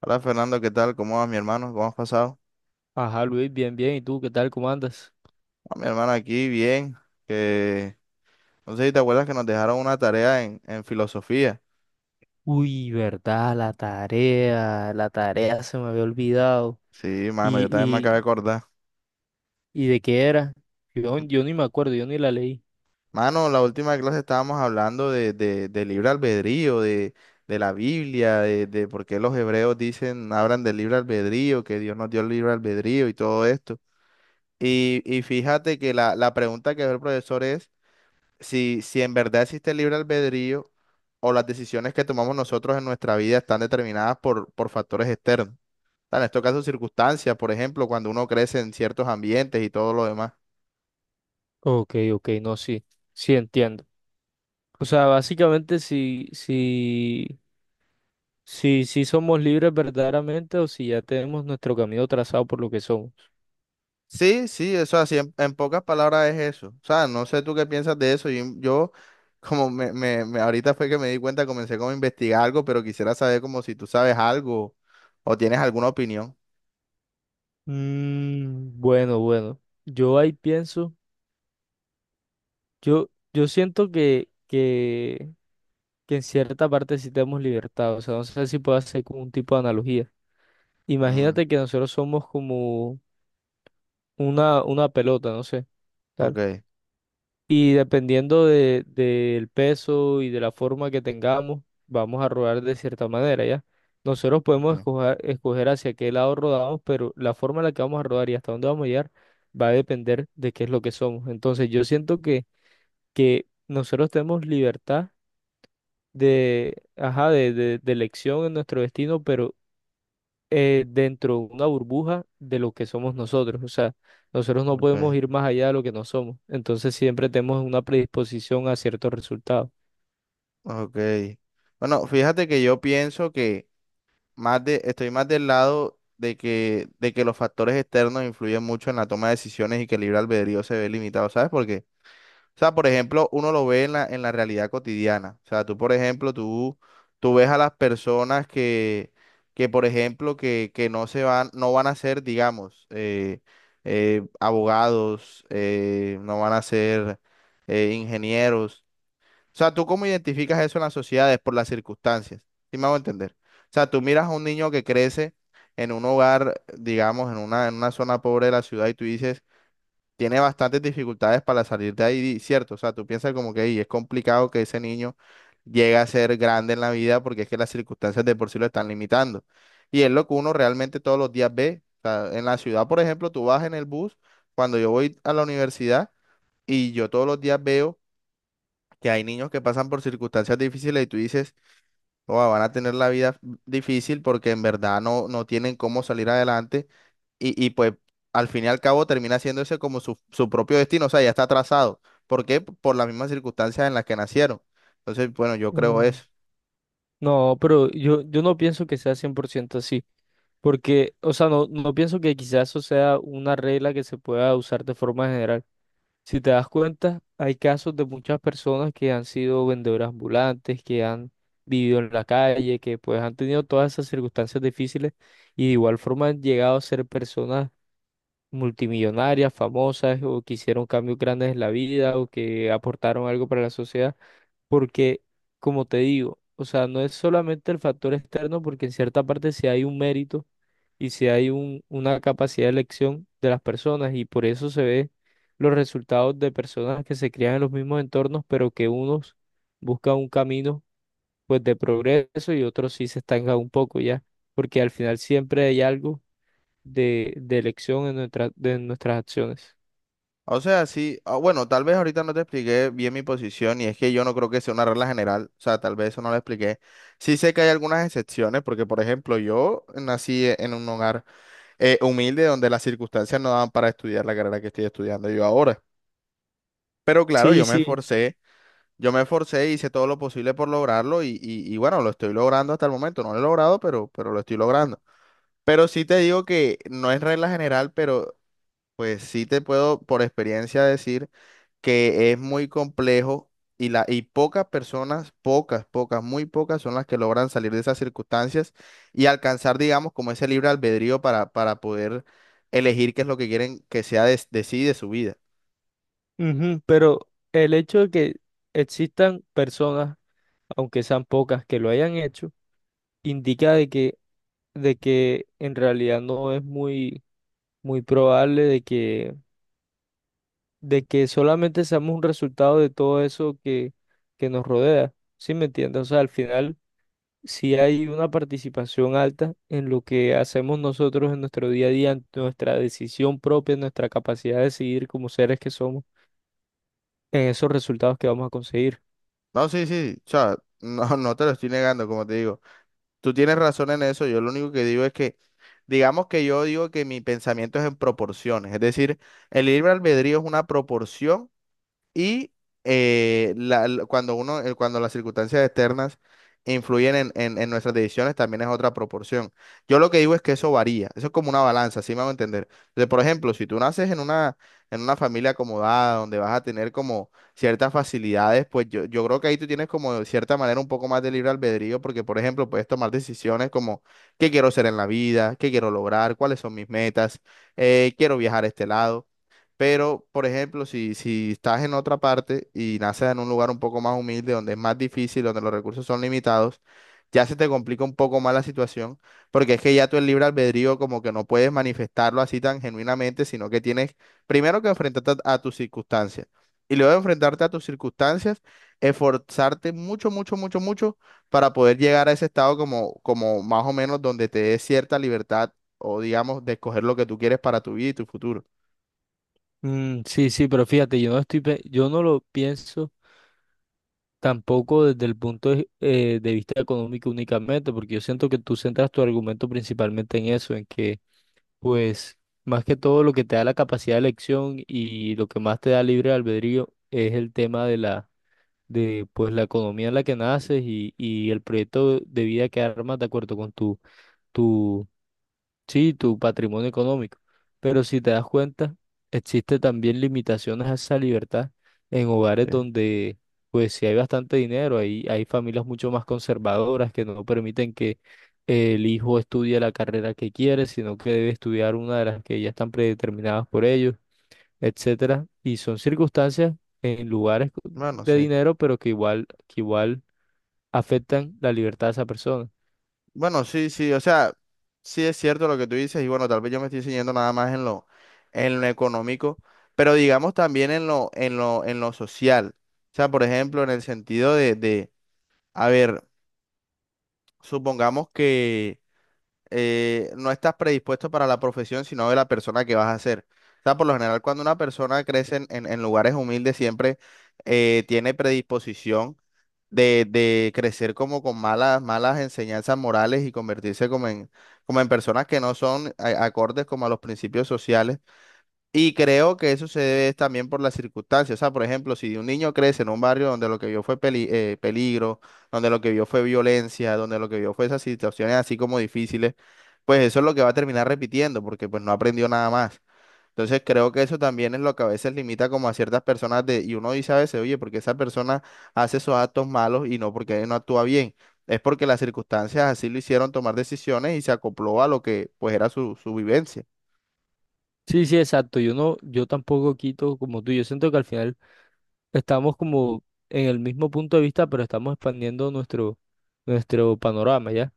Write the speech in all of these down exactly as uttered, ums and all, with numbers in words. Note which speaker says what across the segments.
Speaker 1: Hola Fernando, ¿qué tal? ¿Cómo vas, mi hermano? ¿Cómo has pasado?
Speaker 2: Ajá, Luis, bien, bien. ¿Y tú qué tal? ¿Cómo andas?
Speaker 1: Ah, mi hermano aquí, bien. Que no sé si te acuerdas que nos dejaron una tarea en, en filosofía.
Speaker 2: Uy, verdad, la tarea, la tarea se me había olvidado.
Speaker 1: Sí, mano,
Speaker 2: ¿Y,
Speaker 1: yo también me acabé de
Speaker 2: y,
Speaker 1: acordar.
Speaker 2: y de qué era? Yo, yo ni me acuerdo, yo ni la leí.
Speaker 1: Mano, la última clase estábamos hablando de, de, de libre albedrío, de, de la Biblia, de, de por qué los hebreos dicen, hablan del libre albedrío, que Dios nos dio el libre albedrío y todo esto. Y, y fíjate que la, la pregunta que ve el profesor es. si, si en verdad existe el libre albedrío o las decisiones que tomamos nosotros en nuestra vida están determinadas por, por factores externos. En estos casos, circunstancias, por ejemplo, cuando uno crece en ciertos ambientes y todo lo demás.
Speaker 2: Ok, ok, no, sí, sí entiendo. O sea, básicamente si, si, si, si somos libres verdaderamente o si ya tenemos nuestro camino trazado por lo que somos.
Speaker 1: Sí, sí, eso así, en, en pocas palabras es eso. O sea, no sé tú qué piensas de eso. Yo, yo como me, me, me- ahorita fue que me di cuenta, comencé como a investigar algo, pero quisiera saber como si tú sabes algo o tienes alguna opinión.
Speaker 2: Mm, bueno, bueno. Yo ahí pienso, yo, yo siento que, que que en cierta parte sí tenemos libertad. O sea, no sé si puedo hacer como un tipo de analogía.
Speaker 1: Mm,
Speaker 2: Imagínate que nosotros somos como una, una pelota, no sé,
Speaker 1: ok,
Speaker 2: tal. Y dependiendo de, del peso y de la forma que tengamos, vamos a rodar de cierta manera, ¿ya? Nosotros podemos
Speaker 1: ok,
Speaker 2: escoger, escoger hacia qué lado rodamos, pero la forma en la que vamos a rodar y hasta dónde vamos a llegar va a depender de qué es lo que somos. Entonces, yo siento que, que nosotros tenemos libertad de, ajá, de, de, de elección en nuestro destino, pero eh, dentro de una burbuja de lo que somos nosotros. O sea, nosotros no podemos
Speaker 1: ok,
Speaker 2: ir más allá de lo que no somos. Entonces siempre tenemos una predisposición a ciertos resultados.
Speaker 1: ok. Bueno, fíjate que yo pienso que más de, estoy más del lado de que, de que los factores externos influyen mucho en la toma de decisiones y que el libre albedrío se ve limitado, ¿sabes por qué? O sea, por ejemplo, uno lo ve en la, en la realidad cotidiana. O sea, tú, por ejemplo, tú, tú ves a las personas que, que por ejemplo, que, que no se van, no van a ser, digamos, eh, eh, abogados, eh, no van a ser eh, ingenieros. O sea, ¿tú cómo identificas eso en las sociedades por las circunstancias? ¿Sí me hago entender? O sea, tú miras a un niño que crece en un hogar, digamos, en una, en una zona pobre de la ciudad y tú dices, tiene bastantes dificultades para salir de ahí, ¿cierto? O sea, tú piensas como que "Ey, es complicado que ese niño llegue a ser grande en la vida porque es que las circunstancias de por sí lo están limitando". Y es lo que uno realmente todos los días ve. O sea, en la ciudad, por ejemplo, tú vas en el bus, cuando yo voy a la universidad y yo todos los días veo que hay niños que pasan por circunstancias difíciles y tú dices, oh, van a tener la vida difícil porque en verdad no, no tienen cómo salir adelante y, y pues al fin y al cabo termina haciéndose como su, su propio destino, o sea, ya está trazado. ¿Por qué? Por las mismas circunstancias en las que nacieron. Entonces, bueno, yo creo
Speaker 2: Mm,
Speaker 1: eso.
Speaker 2: No, pero yo, yo no pienso que sea cien por ciento así. Porque, o sea, no, no pienso que quizás eso sea una regla que se pueda usar de forma general. Si te das cuenta, hay casos de muchas personas que han sido vendedoras ambulantes, que han vivido en la calle, que pues han tenido todas esas circunstancias difíciles y de igual forma han llegado a ser personas multimillonarias, famosas o que hicieron cambios grandes en la vida o que aportaron algo para la sociedad porque, como te digo, o sea, no es solamente el factor externo, porque en cierta parte sí hay un mérito y sí hay un- una capacidad de elección de las personas y por eso se ve los resultados de personas que se crían en los mismos entornos, pero que unos buscan un camino pues de progreso y otros sí se estancan un poco ya, porque al final siempre hay algo de, de elección en nuestra- de nuestras acciones.
Speaker 1: O sea, sí, ah, bueno, tal vez ahorita no te expliqué bien mi posición y es que yo no creo que sea una regla general, o sea, tal vez eso no lo expliqué. Sí sé que hay algunas excepciones porque, por ejemplo, yo nací en un hogar eh, humilde donde las circunstancias no daban para estudiar la carrera que estoy estudiando yo ahora. Pero claro,
Speaker 2: Sí,
Speaker 1: yo me
Speaker 2: sí,
Speaker 1: esforcé, yo me esforcé, hice todo lo posible por lograrlo y, y- y bueno, lo estoy logrando hasta el momento. No lo he logrado, pero, pero lo estoy logrando. Pero sí te digo que no es regla general, pero pues sí te puedo por experiencia decir que es muy complejo y, la, y pocas personas, pocas, pocas, muy pocas son las que logran salir de esas circunstancias y alcanzar, digamos, como ese libre albedrío para, para poder elegir qué es lo que quieren que sea de, de sí, y de su vida.
Speaker 2: ujú, pero el hecho de que existan personas aunque sean pocas que lo hayan hecho, indica de que, de que en realidad no es muy, muy probable de que, de que solamente seamos un resultado de todo eso que, que nos rodea. ¿Sí me entiendes? O sea, al final, si hay una participación alta en lo que hacemos nosotros en nuestro día a día, en nuestra decisión propia, en nuestra capacidad de decidir como seres que somos, en esos resultados que vamos a conseguir.
Speaker 1: No, sí, sí, o sea, no, no te lo estoy negando, como te digo. Tú tienes razón en eso, yo lo único que digo es que, digamos que yo digo que mi pensamiento es en proporciones, es decir, el libre albedrío es una proporción. Y eh, la- la- cuando uno, eh, cuando las circunstancias externas influyen en, en- en nuestras decisiones, también es otra proporción. Yo lo que digo es que eso varía, eso es como una balanza, ¿sí me van a entender? Entonces, por ejemplo, si tú naces en una, en una familia acomodada, donde vas a tener como ciertas facilidades, pues yo, yo creo que ahí tú tienes como de cierta manera un poco más de libre albedrío, porque, por ejemplo, puedes tomar decisiones como qué quiero ser en la vida, qué quiero lograr, cuáles son mis metas, eh, quiero viajar a este lado. Pero, por ejemplo, si, si estás en otra parte y naces en un lugar un poco más humilde, donde es más difícil, donde los recursos son limitados, ya se te complica un poco más la situación, porque es que ya tú el libre albedrío como que no puedes manifestarlo así tan genuinamente, sino que tienes primero que enfrentarte a, a tus circunstancias. Y luego de enfrentarte a tus circunstancias, esforzarte mucho, mucho, mucho, mucho para poder llegar a ese estado como, como más o menos donde te dé cierta libertad o digamos de escoger lo que tú quieres para tu vida y tu futuro.
Speaker 2: Mm, sí, sí, pero fíjate, yo no estoy, pe- yo no lo pienso tampoco desde el punto de, eh, de vista económico únicamente, porque yo siento que tú centras tu argumento principalmente en eso, en que, pues, más que todo lo que te da la capacidad de elección y lo que más te da libre albedrío es el tema de la, de, pues, la economía en la que naces y, y el proyecto de vida que armas de acuerdo con tu, sí, tu patrimonio económico. Pero si te das cuenta, existe también limitaciones a esa libertad en hogares donde, pues, si hay bastante dinero, hay, hay familias mucho más conservadoras que no permiten que el hijo estudie la carrera que quiere, sino que debe estudiar una de las que ya están predeterminadas por ellos, etcétera. Y son circunstancias en lugares
Speaker 1: Bueno,
Speaker 2: de
Speaker 1: sí.
Speaker 2: dinero, pero que igual, que igual afectan la libertad de esa persona.
Speaker 1: Bueno, sí, sí, o sea, sí es cierto lo que tú dices y bueno, tal vez yo me estoy enseñando nada más en lo, en lo económico, pero digamos también en lo, en lo, en lo social. O sea, por ejemplo, en el sentido de, de, a ver, supongamos que eh, no estás predispuesto para la profesión, sino de la persona que vas a ser. O sea, por lo general, cuando una persona crece en, en- en lugares humildes, siempre eh, tiene predisposición de, de crecer como con malas, malas enseñanzas morales y convertirse como en, como en personas que no son a- acordes como a los principios sociales. Y creo que eso se debe también por las circunstancias. O sea, por ejemplo, si un niño crece en un barrio donde lo que vio fue peli- eh, peligro, donde lo que vio fue violencia, donde lo que vio fue esas situaciones así como difíciles, pues eso es lo que va a terminar repitiendo, porque pues no aprendió nada más. Entonces creo que eso también es lo que a veces limita como a ciertas personas de, y uno dice a veces, oye, porque esa persona hace esos actos malos y no porque no actúa bien. Es porque las circunstancias así lo hicieron tomar decisiones y se acopló a lo que pues era su, su vivencia.
Speaker 2: Sí, sí, exacto. Yo no, yo tampoco quito como tú. Yo siento que al final estamos como en el mismo punto de vista, pero estamos expandiendo nuestro, nuestro panorama, ¿ya?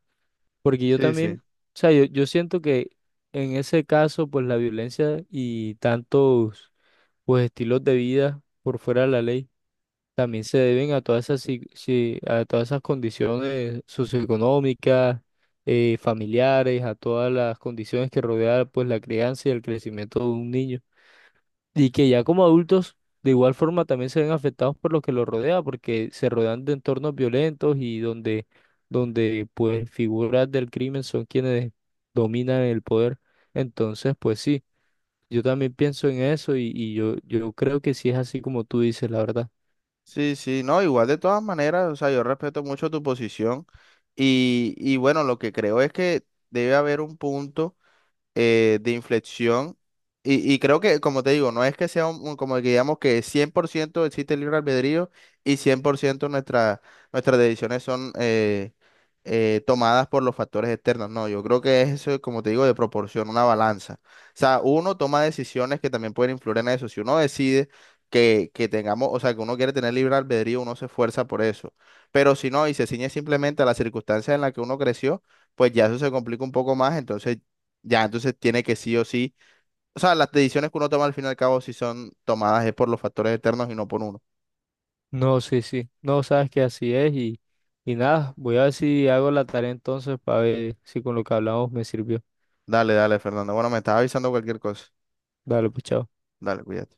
Speaker 2: Porque yo
Speaker 1: Sí, sí.
Speaker 2: también, o sea, yo, yo siento que en ese caso, pues la violencia y tantos, pues estilos de vida por fuera de la ley también se deben a todas esas, si- si- a todas esas condiciones socioeconómicas, eh, familiares, a todas las condiciones que rodean, pues la crianza y el crecimiento de un niño. Y que ya como adultos, de igual forma, también se ven afectados por lo que los rodea, porque se rodean de entornos violentos y donde, donde pues figuras del crimen son quienes dominan el poder. Entonces, pues sí, yo también pienso en eso y, y yo, yo creo que sí es así como tú dices, la verdad.
Speaker 1: Sí, sí, no, igual de todas maneras, o sea, yo respeto mucho tu posición y, y bueno, lo que creo es que debe haber un punto eh, de inflexión. Y, y creo que, como te digo, no es que sea un, un- como que digamos que cien por ciento existe el libre albedrío y cien por ciento nuestra, nuestras decisiones son eh, eh, tomadas por los factores externos. No, yo creo que es eso, como te digo, de proporción, una balanza. O sea, uno toma decisiones que también pueden influir en eso. Si uno decide que, que tengamos, o sea, que uno quiere tener libre albedrío, uno se esfuerza por eso. Pero si no, y se ciñe simplemente a las circunstancias en las que uno creció, pues ya eso se complica un poco más. Entonces ya, entonces tiene que sí o sí. O sea, las decisiones que uno toma al fin y al cabo, si son tomadas es por los factores externos y no por uno.
Speaker 2: No, sí, sí, no sabes que así es y, y nada, voy a ver si hago la tarea entonces para ver si con lo que hablamos me sirvió.
Speaker 1: Dale, dale, Fernando. Bueno, me estás avisando cualquier cosa.
Speaker 2: Dale, pues chao.
Speaker 1: Dale, cuídate.